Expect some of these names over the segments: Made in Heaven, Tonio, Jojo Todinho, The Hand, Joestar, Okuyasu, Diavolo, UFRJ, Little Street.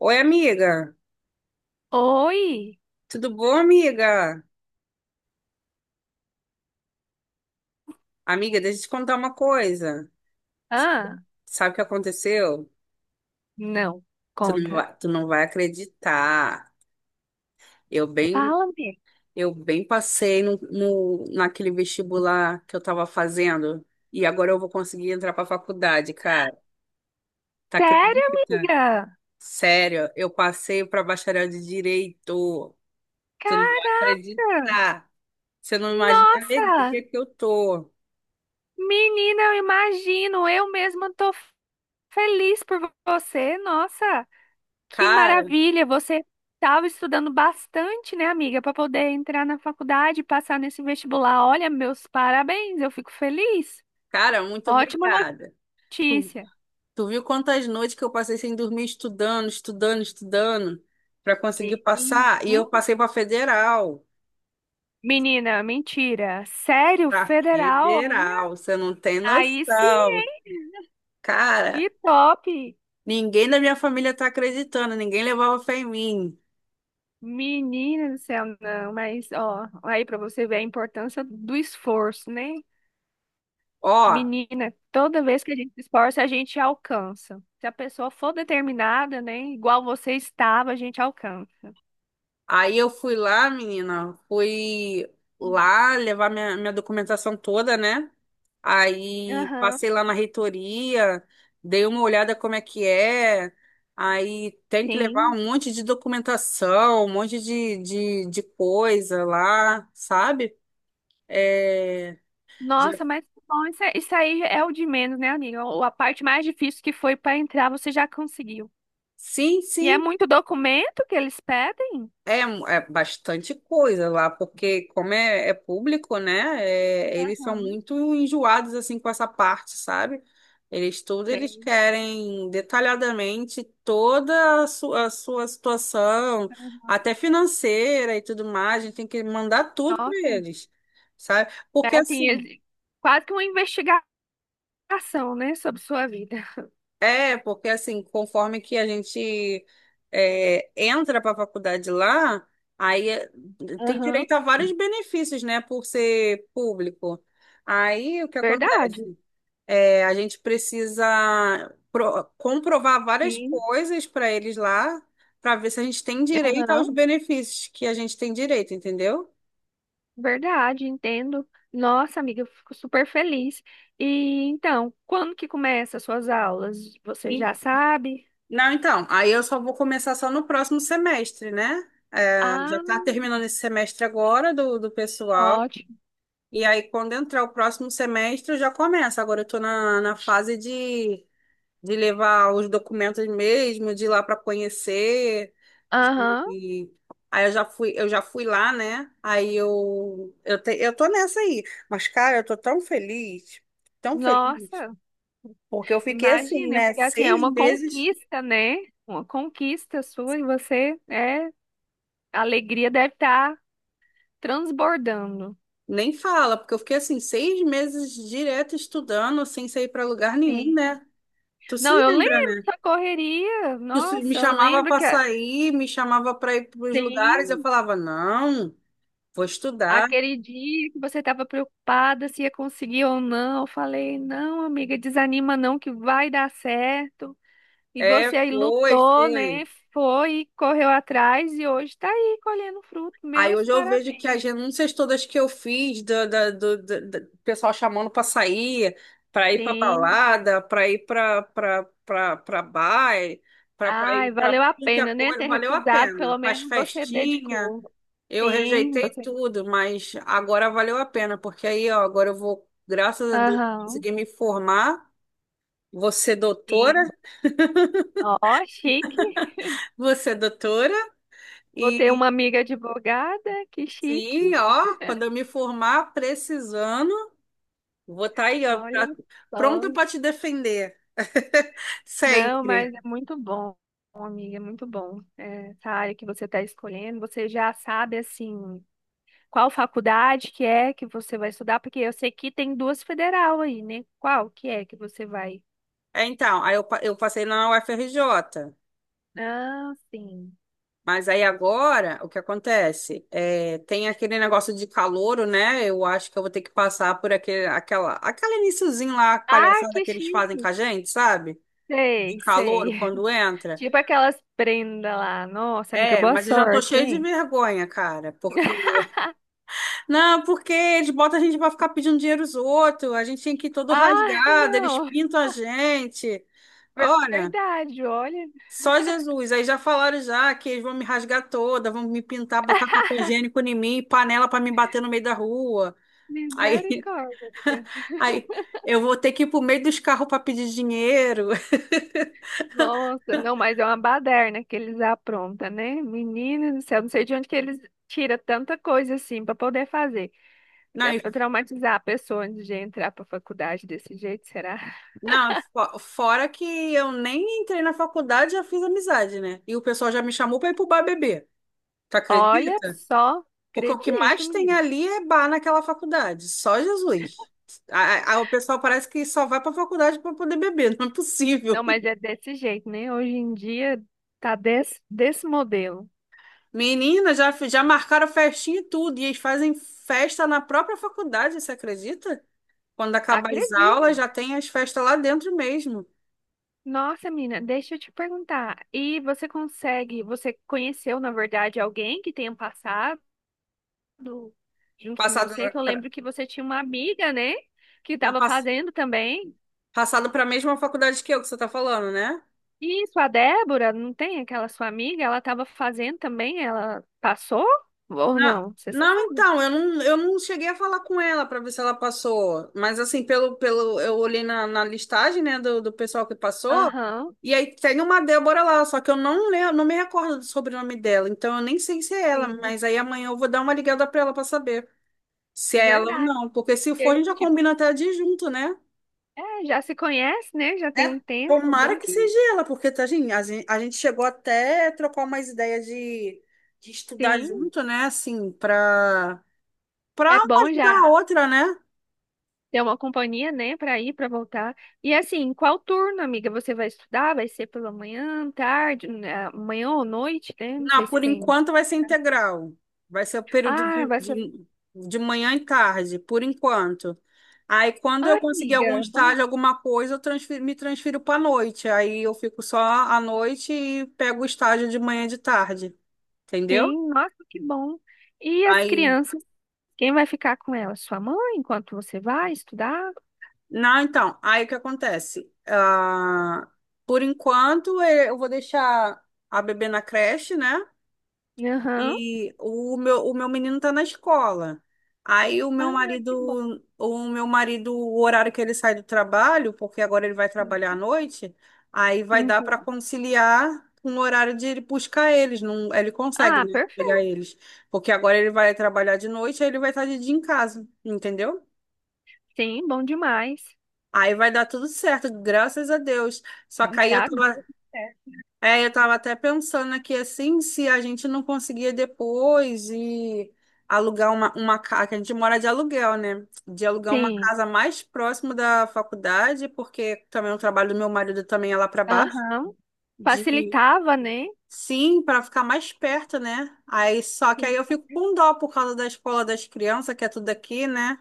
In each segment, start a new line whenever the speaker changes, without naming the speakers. Oi, amiga.
Oi?
Tudo bom, amiga? Amiga, deixa eu te contar uma coisa. S-
Ah,
Sabe o que aconteceu?
não. Conta.
Tu não vai acreditar. Eu bem,
Fala-me.
eu bem passei naquele vestibular que eu tava fazendo e agora eu vou conseguir entrar pra faculdade, cara. Tá,
Sério,
acredita?
amiga?
Sério, eu passei pra bacharel de direito. Tu não vai
Cara,
acreditar. Você não imagina a
nossa!
alegria que eu tô.
Menina, eu imagino. Eu mesma tô feliz por você. Nossa, que
Cara,
maravilha. Você estava estudando bastante, né, amiga, para poder entrar na faculdade e passar nesse vestibular. Olha, meus parabéns. Eu fico feliz.
cara, muito
Ótima
obrigada.
notícia.
Tu viu quantas noites que eu passei sem dormir, estudando, estudando, estudando, para conseguir
Vi.
passar? E eu
Hum?
passei para federal.
Menina, mentira. Sério,
Para
federal, olha.
federal, você não tem
Aí sim,
noção.
hein?
Cara,
Que top!
ninguém da minha família tá acreditando, ninguém levava fé em mim.
Menina do céu, não, mas ó, aí pra você ver a importância do esforço, né?
Ó,
Menina, toda vez que a gente se esforça, a gente alcança. Se a pessoa for determinada, né? Igual você estava, a gente alcança.
aí eu fui lá, menina, fui lá levar minha documentação toda, né? Aí
Aham,
passei lá na reitoria, dei uma olhada como é que é. Aí tem que levar
sim.
um monte de documentação, um monte de coisa lá, sabe? É, já-
Nossa, mas que bom, isso, isso aí é o de menos, né, amiga? A parte mais difícil que foi para entrar, você já conseguiu.
sim,
E é
sim.
muito documento que eles pedem?
É, é bastante coisa lá, porque como é, é público, né? Eles são
Aham,
muito enjoados assim com essa parte, sabe? Eles
tem.
querem detalhadamente toda a sua situação, até financeira e tudo mais. A gente tem que mandar tudo para
Nossa.
eles, sabe?
É
Porque
assim,
assim
quase que uma investigação, né, sobre sua vida.
É, porque assim, conforme que a gente entra para a faculdade lá, aí é, tem
Aham,
direito a vários benefícios, né, por ser público. Aí o que
verdade.
acontece? É, a gente precisa comprovar várias
Sim,
coisas para eles lá, para ver se a gente tem direito
aham,
aos benefícios que a gente tem direito, entendeu?
verdade, entendo. Nossa, amiga, eu fico super feliz. E então, quando que começa as suas aulas? Você
E-
já sabe?
Não, então, aí eu só vou começar só no próximo semestre, né? É, já
Ah,
está terminando esse semestre agora do pessoal.
ótimo.
E aí, quando entrar o próximo semestre, eu já começo. Agora eu estou na fase de levar os documentos mesmo, de ir lá para conhecer.
Aham,
E aí eu já fui lá, né? Aí eu tô nessa aí. Mas, cara, eu tô tão feliz,
nossa,
porque eu fiquei assim,
imagina,
né?
porque assim, é
Seis
uma
meses.
conquista, né? Uma conquista sua e você, é, a alegria deve estar transbordando.
Nem fala, porque eu fiquei assim, seis meses direto estudando, sem sair para lugar nenhum,
Sim.
né? Tu se
Não, eu
lembra,
lembro
né?
da correria.
Eu se- Me
Nossa, eu
chamava
lembro
para
que
sair, me chamava para ir para os lugares, eu
tem
falava, não, vou estudar.
aquele dia que você estava preocupada se ia conseguir ou não. Eu falei, não, amiga, desanima não que vai dar certo. E
É,
você aí
foi,
lutou, né?
foi.
Foi, correu atrás e hoje está aí colhendo fruto.
Aí
Meus
hoje eu vejo que
parabéns.
as renúncias todas que eu fiz, do pessoal chamando para sair, para ir para
Sim.
balada, para bar, para
Ai,
ir para
valeu a
tudo que é
pena, né?
coisa,
Ter
valeu a
recusado,
pena.
pelo
Para as
menos você
festinhas,
dedicou.
eu
Sim,
rejeitei
você.
tudo, mas agora valeu a pena, porque aí, ó, agora eu vou, graças a Deus,
Aham,
conseguir me formar. Você é doutora?
sim. Ó, chique.
Você é doutora?
Vou ter
E
uma amiga advogada, que
sim,
chique.
ó, quando eu me formar precisando, vou estar aí, ó,
Olha
pronta
só.
para te defender.
Não,
Sempre.
mas é muito bom, amiga, é muito bom. É, essa área que você está escolhendo, você já sabe, assim, qual faculdade que é que você vai estudar, porque eu sei que tem duas federal aí, né? Qual que é que você vai?
É, então, eu passei na UFRJ.
Ah, sim.
Mas aí agora, o que acontece? É, tem aquele negócio de calouro, né? Eu acho que eu vou ter que passar por aquele iniciozinho lá,
Ah,
palhaçada
que
que eles fazem com
chique.
a gente, sabe? De
Sei,
calouro,
sei.
quando entra.
Tipo aquelas prendas lá. Nossa, amiga,
É,
boa
mas eu já tô
sorte,
cheio de
hein?
vergonha, cara, porque Não, porque eles botam a gente pra ficar pedindo dinheiro aos outros, a gente tem que ir todo
Ah,
rasgado, eles
não.
pintam a gente. Olha,
Verdade, olha.
só Jesus. Aí já falaram já que eles vão me rasgar toda, vão me pintar, botar papel higiênico em mim, panela pra me bater no meio da rua. Aí,
Misericórdia.
aí eu vou ter que ir pro meio dos carros pra pedir dinheiro.
Nossa, não, mas é uma baderna que eles aprontam, né? Menina do céu, não sei de onde que eles tiram tanta coisa assim para poder fazer.
Não,
Até
e-
pra traumatizar a pessoa antes de entrar pra faculdade desse jeito, será?
não, fora que eu nem entrei na faculdade, já fiz amizade, né? E o pessoal já me chamou pra ir pro bar beber. Tu
Olha
acredita?
só,
Porque o que
acredito,
mais tem
menina.
ali é bar naquela faculdade, só Jesus. O pessoal parece que só vai para faculdade para poder beber, não é
Não,
possível.
mas é desse jeito, né? Hoje em dia tá desse modelo.
Menina, já, já marcaram festinha e tudo, e eles fazem festa na própria faculdade, você acredita? Quando acabar as
Acredito.
aulas, já tem as festas lá dentro mesmo.
Nossa, menina, deixa eu te perguntar. E você consegue, você conheceu, na verdade, alguém que tenha passado? do- Junto com
Passado
você, que eu lembro que você tinha uma amiga, né? Que estava fazendo também.
para a mesma faculdade que eu, que você está falando, né?
Isso, a Débora, não tem aquela sua amiga? Ela estava fazendo também, ela passou? Ou não? Você sabe?
Não, então, eu não cheguei a falar com ela para ver se ela passou. Mas assim, pelo, eu olhei na listagem, né, do pessoal que passou,
Aham,
e aí tem uma Débora lá, só que eu não le não me recordo do sobrenome dela, então eu nem sei se é ela,
sim,
mas aí amanhã eu vou dar uma ligada para ela para saber se é ela ou
verdade.
não, porque se for, a
Porque,
gente já
tipo,
combina até de ir junto, né?
é, já se conhece, né? Já tem
É,
um tempo, é
tomara
bom
que
que
seja ela, porque tá, gente, a gente, chegou até a trocar umas ideias de estudar
sim.
junto, né? Assim, para Para
É
uma
bom
ajudar
já
a outra, né?
ter uma companhia, né, para ir, para voltar. E assim, qual turno, amiga? Você vai estudar? Vai ser pela manhã, tarde, né, amanhã ou noite, né? Não
Não,
sei se
por
tem.
enquanto vai ser integral. Vai ser o período
Ah, vai ser.
de manhã e tarde, por enquanto. Aí, quando
Ai,
eu conseguir algum
amiga, bom,
estágio, alguma coisa, eu me transfiro para noite. Aí eu fico só à noite e pego o estágio de manhã e de tarde, entendeu?
sim, nossa, que bom. E as
Aí,
crianças, quem vai ficar com elas? Sua mãe, enquanto você vai estudar?
não, então, aí o que acontece? Ah, por enquanto, eu vou deixar a bebê na creche, né?
Aham.
E o meu menino tá na escola. Aí
Ah, que bom.
o meu marido, o horário que ele sai do trabalho, porque agora ele vai trabalhar à noite, aí vai dar para
Uhum.
conciliar com o horário de ele buscar eles. Não, ele consegue,
Ah,
né, pegar
perfeito.
eles. Porque agora ele vai trabalhar de noite, aí ele vai estar de dia em casa, entendeu?
Sim, bom demais.
Aí vai dar tudo certo, graças a Deus. Só
Então,
que aí eu
já deu
tava,
certo.
é, eu estava até pensando aqui assim, se a gente não conseguia depois e alugar uma casa, que a gente mora de aluguel, né? De alugar uma
Sim.
casa mais próximo da faculdade, porque também o trabalho do meu marido também é lá para baixo,
Aham.
de
Facilitava, né?
sim, para ficar mais perto, né? Aí só que aí
Sim.
eu fico com dó por causa da escola das crianças, que é tudo aqui, né?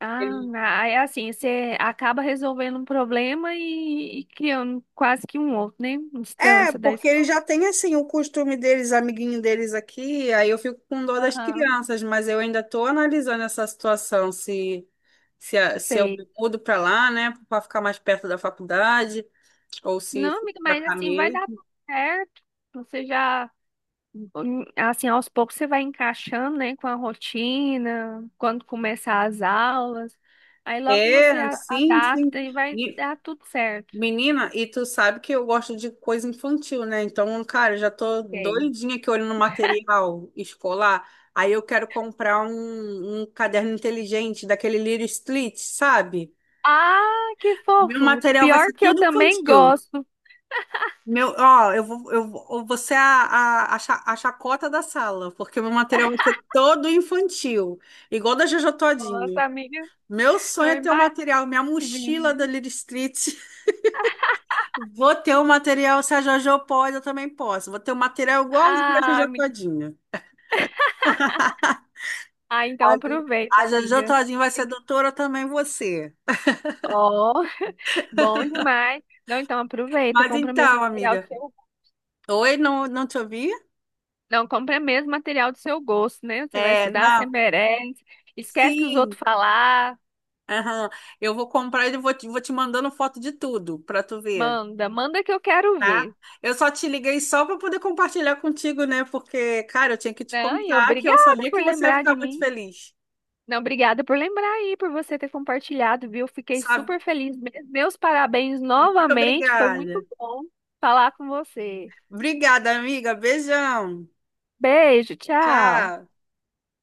Ah, ah, é assim, você acaba resolvendo um problema e criando quase que um outro, né?
É,
Distância da
porque eles
escola.
já têm assim o costume deles, amiguinho deles aqui, aí eu fico com dor das
Aham.
crianças, mas eu ainda estou analisando essa situação, se eu
Sei.
me mudo para lá, né, para ficar mais perto da faculdade, ou se eu
Não,
fico
amiga,
para
mas
cá
assim, vai dar
mesmo.
tudo certo. Você já, assim, aos poucos você vai encaixando, né, com a rotina, quando começar as aulas. Aí logo você
É, sim, sim.
adapta e vai
E,
dar tudo certo.
menina, e tu sabe que eu gosto de coisa infantil, né? Então, cara, eu já tô
Sei.
doidinha aqui olhando material escolar. Aí eu quero comprar um caderno inteligente daquele Little Street, sabe?
Ah, que
Meu
fofo!
material vai ser
Pior que eu
tudo
também
infantil.
gosto.
Meu, ó, eu vou ser a chacota da sala, porque meu material vai ser todo infantil, igual da Jojo
Nossa,
Todinho.
amiga,
Meu sonho
eu
é ter o material, minha
imagino,
mochila da
viu?
Little Street. Vou ter o material, se a Jojo pode, eu também posso. Vou ter o material igualzinho da
Ah,
Jojo
amiga,
Todinho.
ah, então
A,
aproveita,
a Jojo
amiga.
Todinho vai ser
Tem que-
doutora também, você.
Ó, bom demais. Não, então aproveita,
Mas
compra mesmo
então,
material do
amiga.
seu.
Oi, não, não te ouvi?
Não, compra mesmo material do seu gosto, né? Você vai
É,
estudar, você
não.
merece. Esquece que os
Sim,
outros falar.
aham. Eu vou comprar e vou te mandando foto de tudo para tu ver,
Manda, manda que eu quero
tá?
ver.
Eu só te liguei só para poder compartilhar contigo, né? Porque, cara, eu tinha que te
Não, e
contar que eu
obrigada
sabia
por
que você ia
lembrar
ficar
de
muito
mim.
feliz,
Não, obrigada por lembrar aí, por você ter compartilhado, viu? Fiquei
sabe?
super feliz mesmo. Meus parabéns
Muito
novamente, foi
obrigada.
muito bom falar com você.
Obrigada, amiga. Beijão.
Beijo, tchau.
Tchau.